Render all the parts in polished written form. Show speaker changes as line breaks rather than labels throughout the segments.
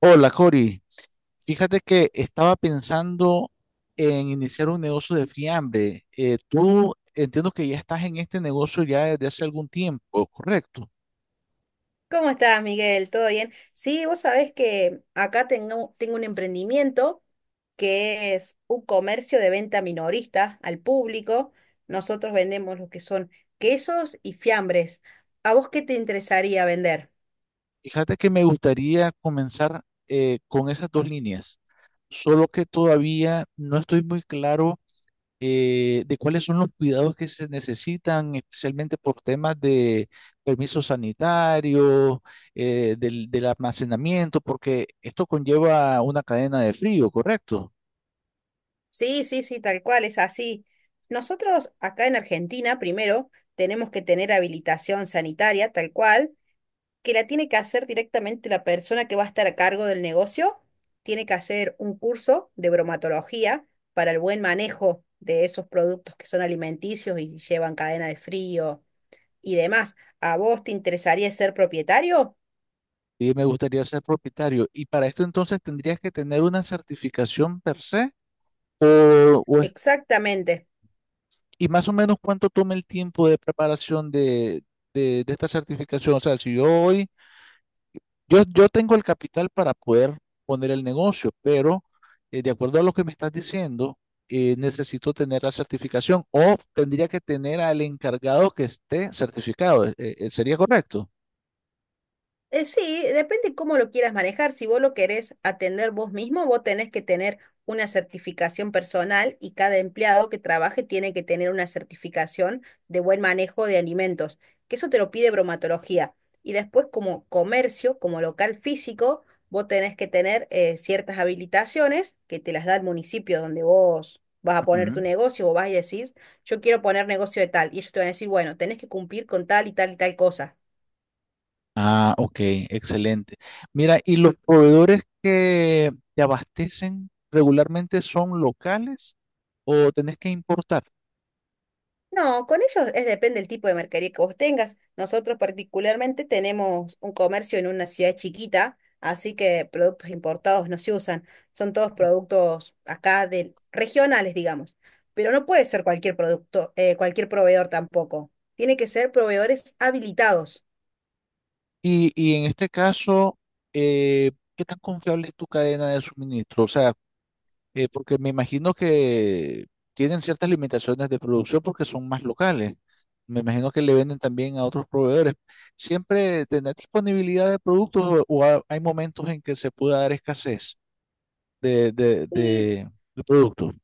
Hola, Cori. Fíjate que estaba pensando en iniciar un negocio de fiambre. Tú entiendo que ya estás en este negocio ya desde hace algún tiempo, ¿correcto?
¿Cómo estás, Miguel? ¿Todo bien? Sí, vos sabés que acá tengo un emprendimiento que es un comercio de venta minorista al público. Nosotros vendemos lo que son quesos y fiambres. ¿A vos qué te interesaría vender?
Fíjate que me gustaría comenzar con esas dos líneas, solo que todavía no estoy muy claro de cuáles son los cuidados que se necesitan, especialmente por temas de permisos sanitarios, del almacenamiento, porque esto conlleva una cadena de frío, ¿correcto?
Sí, sí, sí, tal cual, es así. Nosotros acá en Argentina, primero, tenemos que tener habilitación sanitaria, tal cual, que la tiene que hacer directamente la persona que va a estar a cargo del negocio, tiene que hacer un curso de bromatología para el buen manejo de esos productos que son alimenticios y llevan cadena de frío y demás. ¿A vos te interesaría ser propietario?
Y me gustaría ser propietario. Y para esto entonces tendrías que tener una certificación per se, o, o es-
Exactamente.
y más o menos cuánto toma el tiempo de preparación de esta certificación. O sea, si yo hoy yo tengo el capital para poder poner el negocio, pero de acuerdo a lo que me estás diciendo, necesito tener la certificación o tendría que tener al encargado que esté certificado. ¿Sería correcto?
Sí, depende cómo lo quieras manejar. Si vos lo querés atender vos mismo, vos tenés que tener una certificación personal y cada empleado que trabaje tiene que tener una certificación de buen manejo de alimentos, que eso te lo pide bromatología. Y después como comercio, como local físico, vos tenés que tener ciertas habilitaciones que te las da el municipio donde vos vas a poner tu
Ujú.
negocio o vas y decís, yo quiero poner negocio de tal. Y ellos te van a decir, bueno, tenés que cumplir con tal y tal y tal cosa.
Ah, ok, excelente. Mira, ¿y los proveedores que te abastecen regularmente son locales o tenés que importar?
No, con ellos es depende del tipo de mercadería que vos tengas. Nosotros particularmente tenemos un comercio en una ciudad chiquita, así que productos importados no se usan. Son todos productos acá de regionales, digamos. Pero no puede ser cualquier producto, cualquier proveedor tampoco. Tiene que ser proveedores habilitados.
Y en este caso, ¿qué tan confiable es tu cadena de suministro? O sea, porque me imagino que tienen ciertas limitaciones de producción porque son más locales. Me imagino que le venden también a otros proveedores. ¿Siempre tendrá disponibilidad de productos o hay momentos en que se pueda dar escasez de, de,
Y
de- de productos?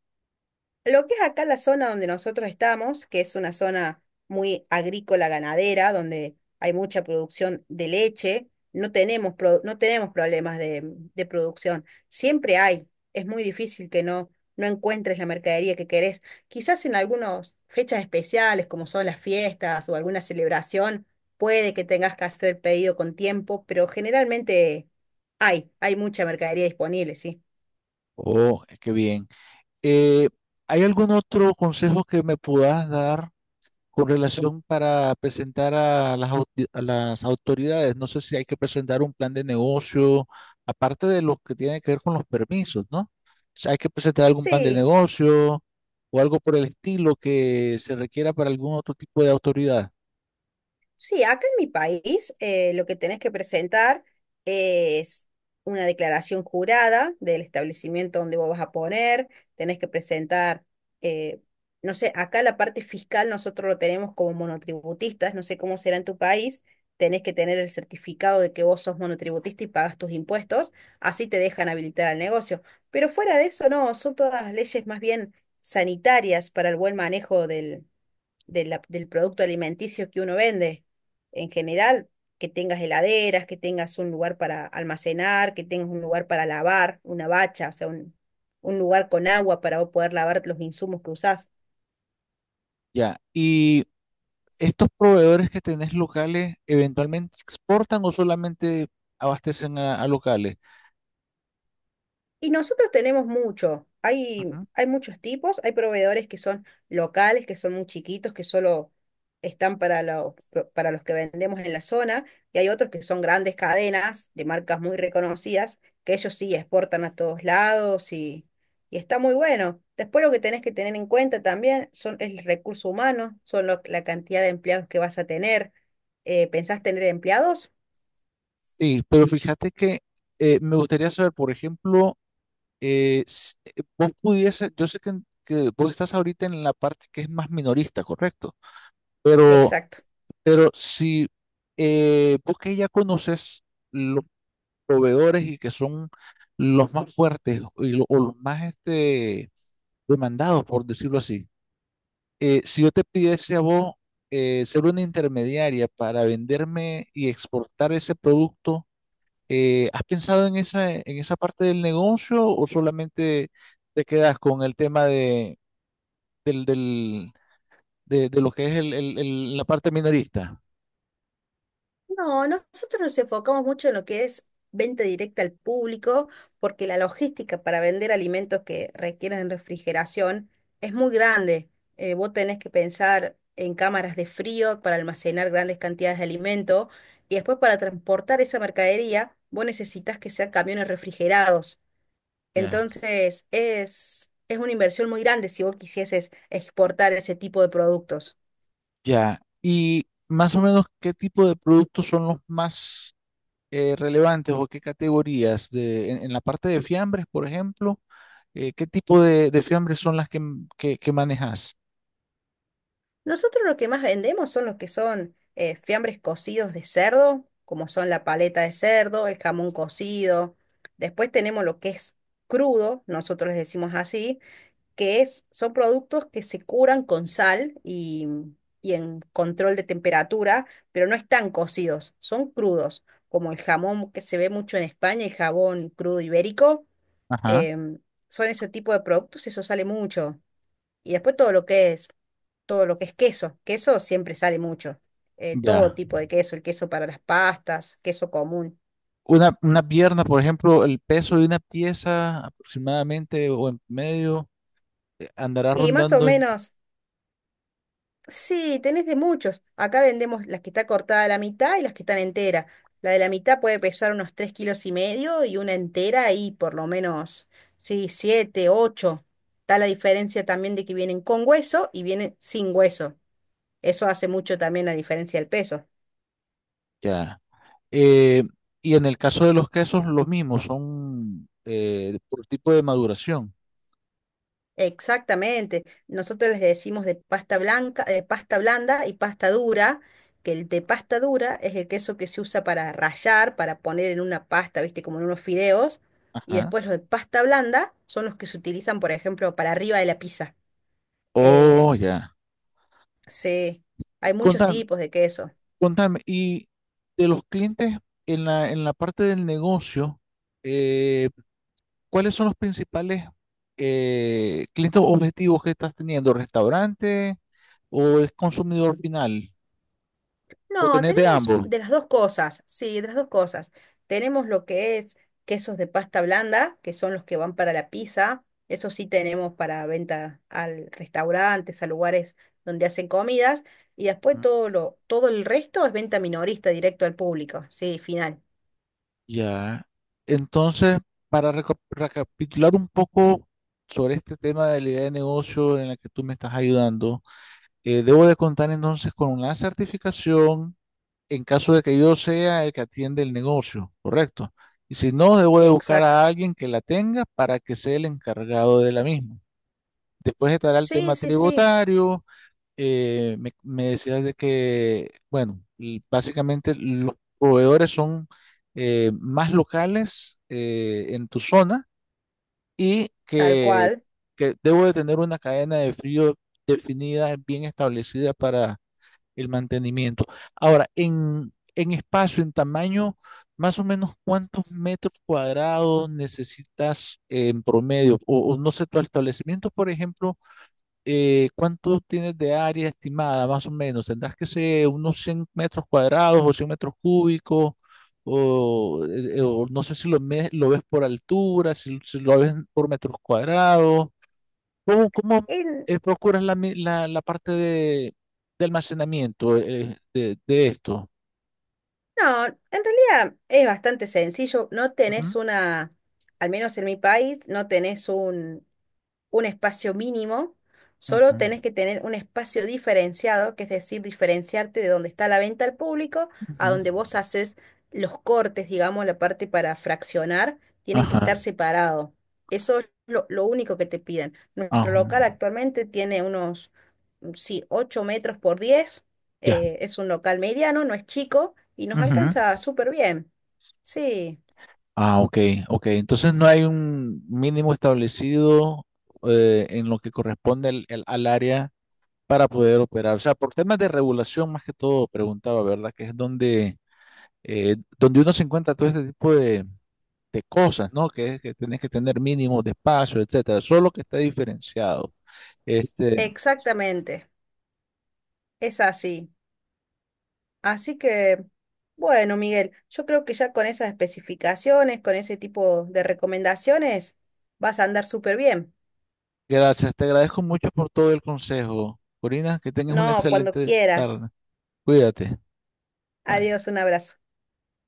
lo que es acá la zona donde nosotros estamos, que es una zona muy agrícola ganadera, donde hay mucha producción de leche, no tenemos, no tenemos problemas de producción. Siempre hay. Es muy difícil que no encuentres la mercadería que querés. Quizás en algunas fechas especiales, como son las fiestas o alguna celebración, puede que tengas que hacer pedido con tiempo, pero generalmente hay mucha mercadería disponible, sí.
Oh, qué bien. Eh, ¿Hay algún otro consejo que me puedas dar con relación para presentar a a las autoridades? No sé si hay que presentar un plan de negocio, aparte de lo que tiene que ver con los permisos, ¿no? O sea, ¿hay que presentar algún plan de
Sí.
negocio o algo por el estilo que se requiera para algún otro tipo de autoridad?
Sí, acá en mi país lo que tenés que presentar es una declaración jurada del establecimiento donde vos vas a poner, tenés que presentar, eh, no sé, acá la parte fiscal nosotros lo tenemos como monotributistas, no sé cómo será en tu país, tenés que tener el certificado de que vos sos monotributista y pagas tus impuestos, así te dejan habilitar al negocio. Pero fuera de eso, no, son todas leyes más bien sanitarias para el buen manejo del producto alimenticio que uno vende. En general, que tengas heladeras, que tengas un lugar para almacenar, que tengas un lugar para lavar, una bacha, o sea, un lugar con agua para vos poder lavar los insumos que usás.
Ya, y estos proveedores que tenés locales, ¿eventualmente exportan o solamente abastecen a locales?
Y nosotros tenemos mucho.
Ujú.
Hay muchos tipos. Hay proveedores que son locales, que son muy chiquitos, que solo están para los que vendemos en la zona. Y hay otros que son grandes cadenas de marcas muy reconocidas, que ellos sí exportan a todos lados y está muy bueno. Después lo que tenés que tener en cuenta también son el recurso humano, son la cantidad de empleados que vas a tener. ¿Pensás tener empleados?
Sí, pero fíjate que me gustaría saber, por ejemplo, vos pudiese, yo sé que, que vos estás ahorita en la parte que es más minorista, correcto, pero,
Exacto.
pero si vos que ya conoces los proveedores y que son los más fuertes y o los más este, demandados, por decirlo así, si yo te pidiese a vos ser una intermediaria para venderme y exportar ese producto, ¿has pensado en esa parte del negocio o solamente te quedas con el tema de, del, del- de lo que es la parte minorista?
No, nosotros nos enfocamos mucho en lo que es venta directa al público, porque la logística para vender alimentos que requieren refrigeración es muy grande. Vos tenés que pensar en cámaras de frío para almacenar grandes cantidades de alimento y después para transportar esa mercadería, vos necesitas que sean camiones refrigerados.
Ya.
Entonces, es una inversión muy grande si vos quisieses exportar ese tipo de productos.
Ya. ¿Y más o menos qué tipo de productos son los más relevantes o qué categorías? En la parte de fiambres, por ejemplo, ¿qué tipo de fiambres son las que manejas?
Nosotros lo que más vendemos son los que son fiambres cocidos de cerdo, como son la paleta de cerdo, el jamón cocido. Después tenemos lo que es crudo, nosotros les decimos así, son productos que se curan con sal y en control de temperatura, pero no están cocidos, son crudos, como el jamón que se ve mucho en España, el jabón crudo ibérico.
Ajá.
em, Son ese tipo de productos, eso sale mucho. Y después todo lo que es, todo lo que es queso. Queso siempre sale mucho. Todo
Ya.
tipo de queso, el queso para las pastas, queso común.
Una pierna, por ejemplo, el peso de una pieza aproximadamente o en medio andará
Y más o
rondando en...
menos, sí, tenés de muchos. Acá vendemos las que está cortada a la mitad y las que están enteras. La de la mitad puede pesar unos 3,5 kilos y una entera y por lo menos, sí, 7 u 8. Está la diferencia también de que vienen con hueso y vienen sin hueso. Eso hace mucho también la diferencia del peso.
Ya. Eh, y en el caso de los quesos, los mismos, son por tipo de maduración.
Exactamente. Nosotros les decimos de pasta blanca, de pasta blanda y pasta dura, que el de pasta dura es el queso que se usa para rallar, para poner en una pasta, viste, como en unos fideos, y
Ajá.
después los de pasta blanda son los que se utilizan, por ejemplo, para arriba de la pizza. Eh,
Oh, ya.
se- Hay muchos
Contame,
tipos de queso.
contame, y de los clientes en en la parte del negocio, eh, ¿cuáles son los principales clientes objetivos que estás teniendo? ¿Restaurante o es consumidor final? Lo
No,
tenés de
tenemos
ambos.
de las dos cosas, sí, de las dos cosas. Tenemos lo que es quesos de pasta blanda, que son los que van para la pizza. Eso sí tenemos para venta al restaurantes, a lugares donde hacen comidas. Y después
Mm,
todo lo, todo el resto es venta minorista directo al público. Sí, final.
ya. Entonces, para recapitular un poco sobre este tema de la idea de negocio en la que tú me estás ayudando, debo de contar entonces con una certificación en caso de que yo sea el que atiende el negocio, ¿correcto? Y si no, debo de buscar
Exacto.
a alguien que la tenga para que sea el encargado de la misma. Después estará el
Sí,
tema
sí, sí,
tributario me decías de que, bueno, básicamente los proveedores son más locales en tu zona y
tal
que,
cual.
que debo de tener una cadena de frío definida, bien establecida para el mantenimiento. Ahora, en espacio, en tamaño, más o menos cuántos metros cuadrados necesitas en promedio, o no sé, tu establecimiento, por ejemplo ¿cuánto tienes de área estimada, más o menos? ¿Tendrás que ser unos 100 metros cuadrados o 100 metros cúbicos? O no sé si lo, lo ves por altura, si, si lo ves por metros cuadrados. ¿Cómo, cómo
En-
procuras la, la parte de almacenamiento de esto?
no, en realidad es bastante sencillo. No tenés
Ujú,
una, al menos en mi país, no tenés un espacio mínimo, solo
ujú,
tenés que tener un espacio diferenciado, que es decir, diferenciarte de donde está la venta al público a
ujú.
donde vos haces los cortes, digamos, la parte para fraccionar, tienen que
Ajá,
estar separado. Eso es lo único que te piden. Nuestro
ajá,
local actualmente tiene unos, mm, sí, 8 metros por 10.
ya.
Es un local mediano, no es chico y nos alcanza súper bien. Sí,
Ah, ok, ok. Entonces no hay un mínimo establecido en lo que corresponde al área para poder operar. O sea, por temas de regulación más que todo, preguntaba, ¿verdad? Que es donde, donde uno se encuentra todo este tipo de cosas, ¿no? Que es que tenés que tener mínimos de espacio, etcétera. Solo que está diferenciado. Este,
exactamente, es así. Así que, bueno, Miguel, yo creo que ya con esas especificaciones, con ese tipo de recomendaciones, vas a andar súper bien.
gracias, te agradezco mucho por todo el consejo. Corina, que tengas una
No, cuando
excelente
quieras.
tarde. Cuídate. Bye.
Adiós, un abrazo.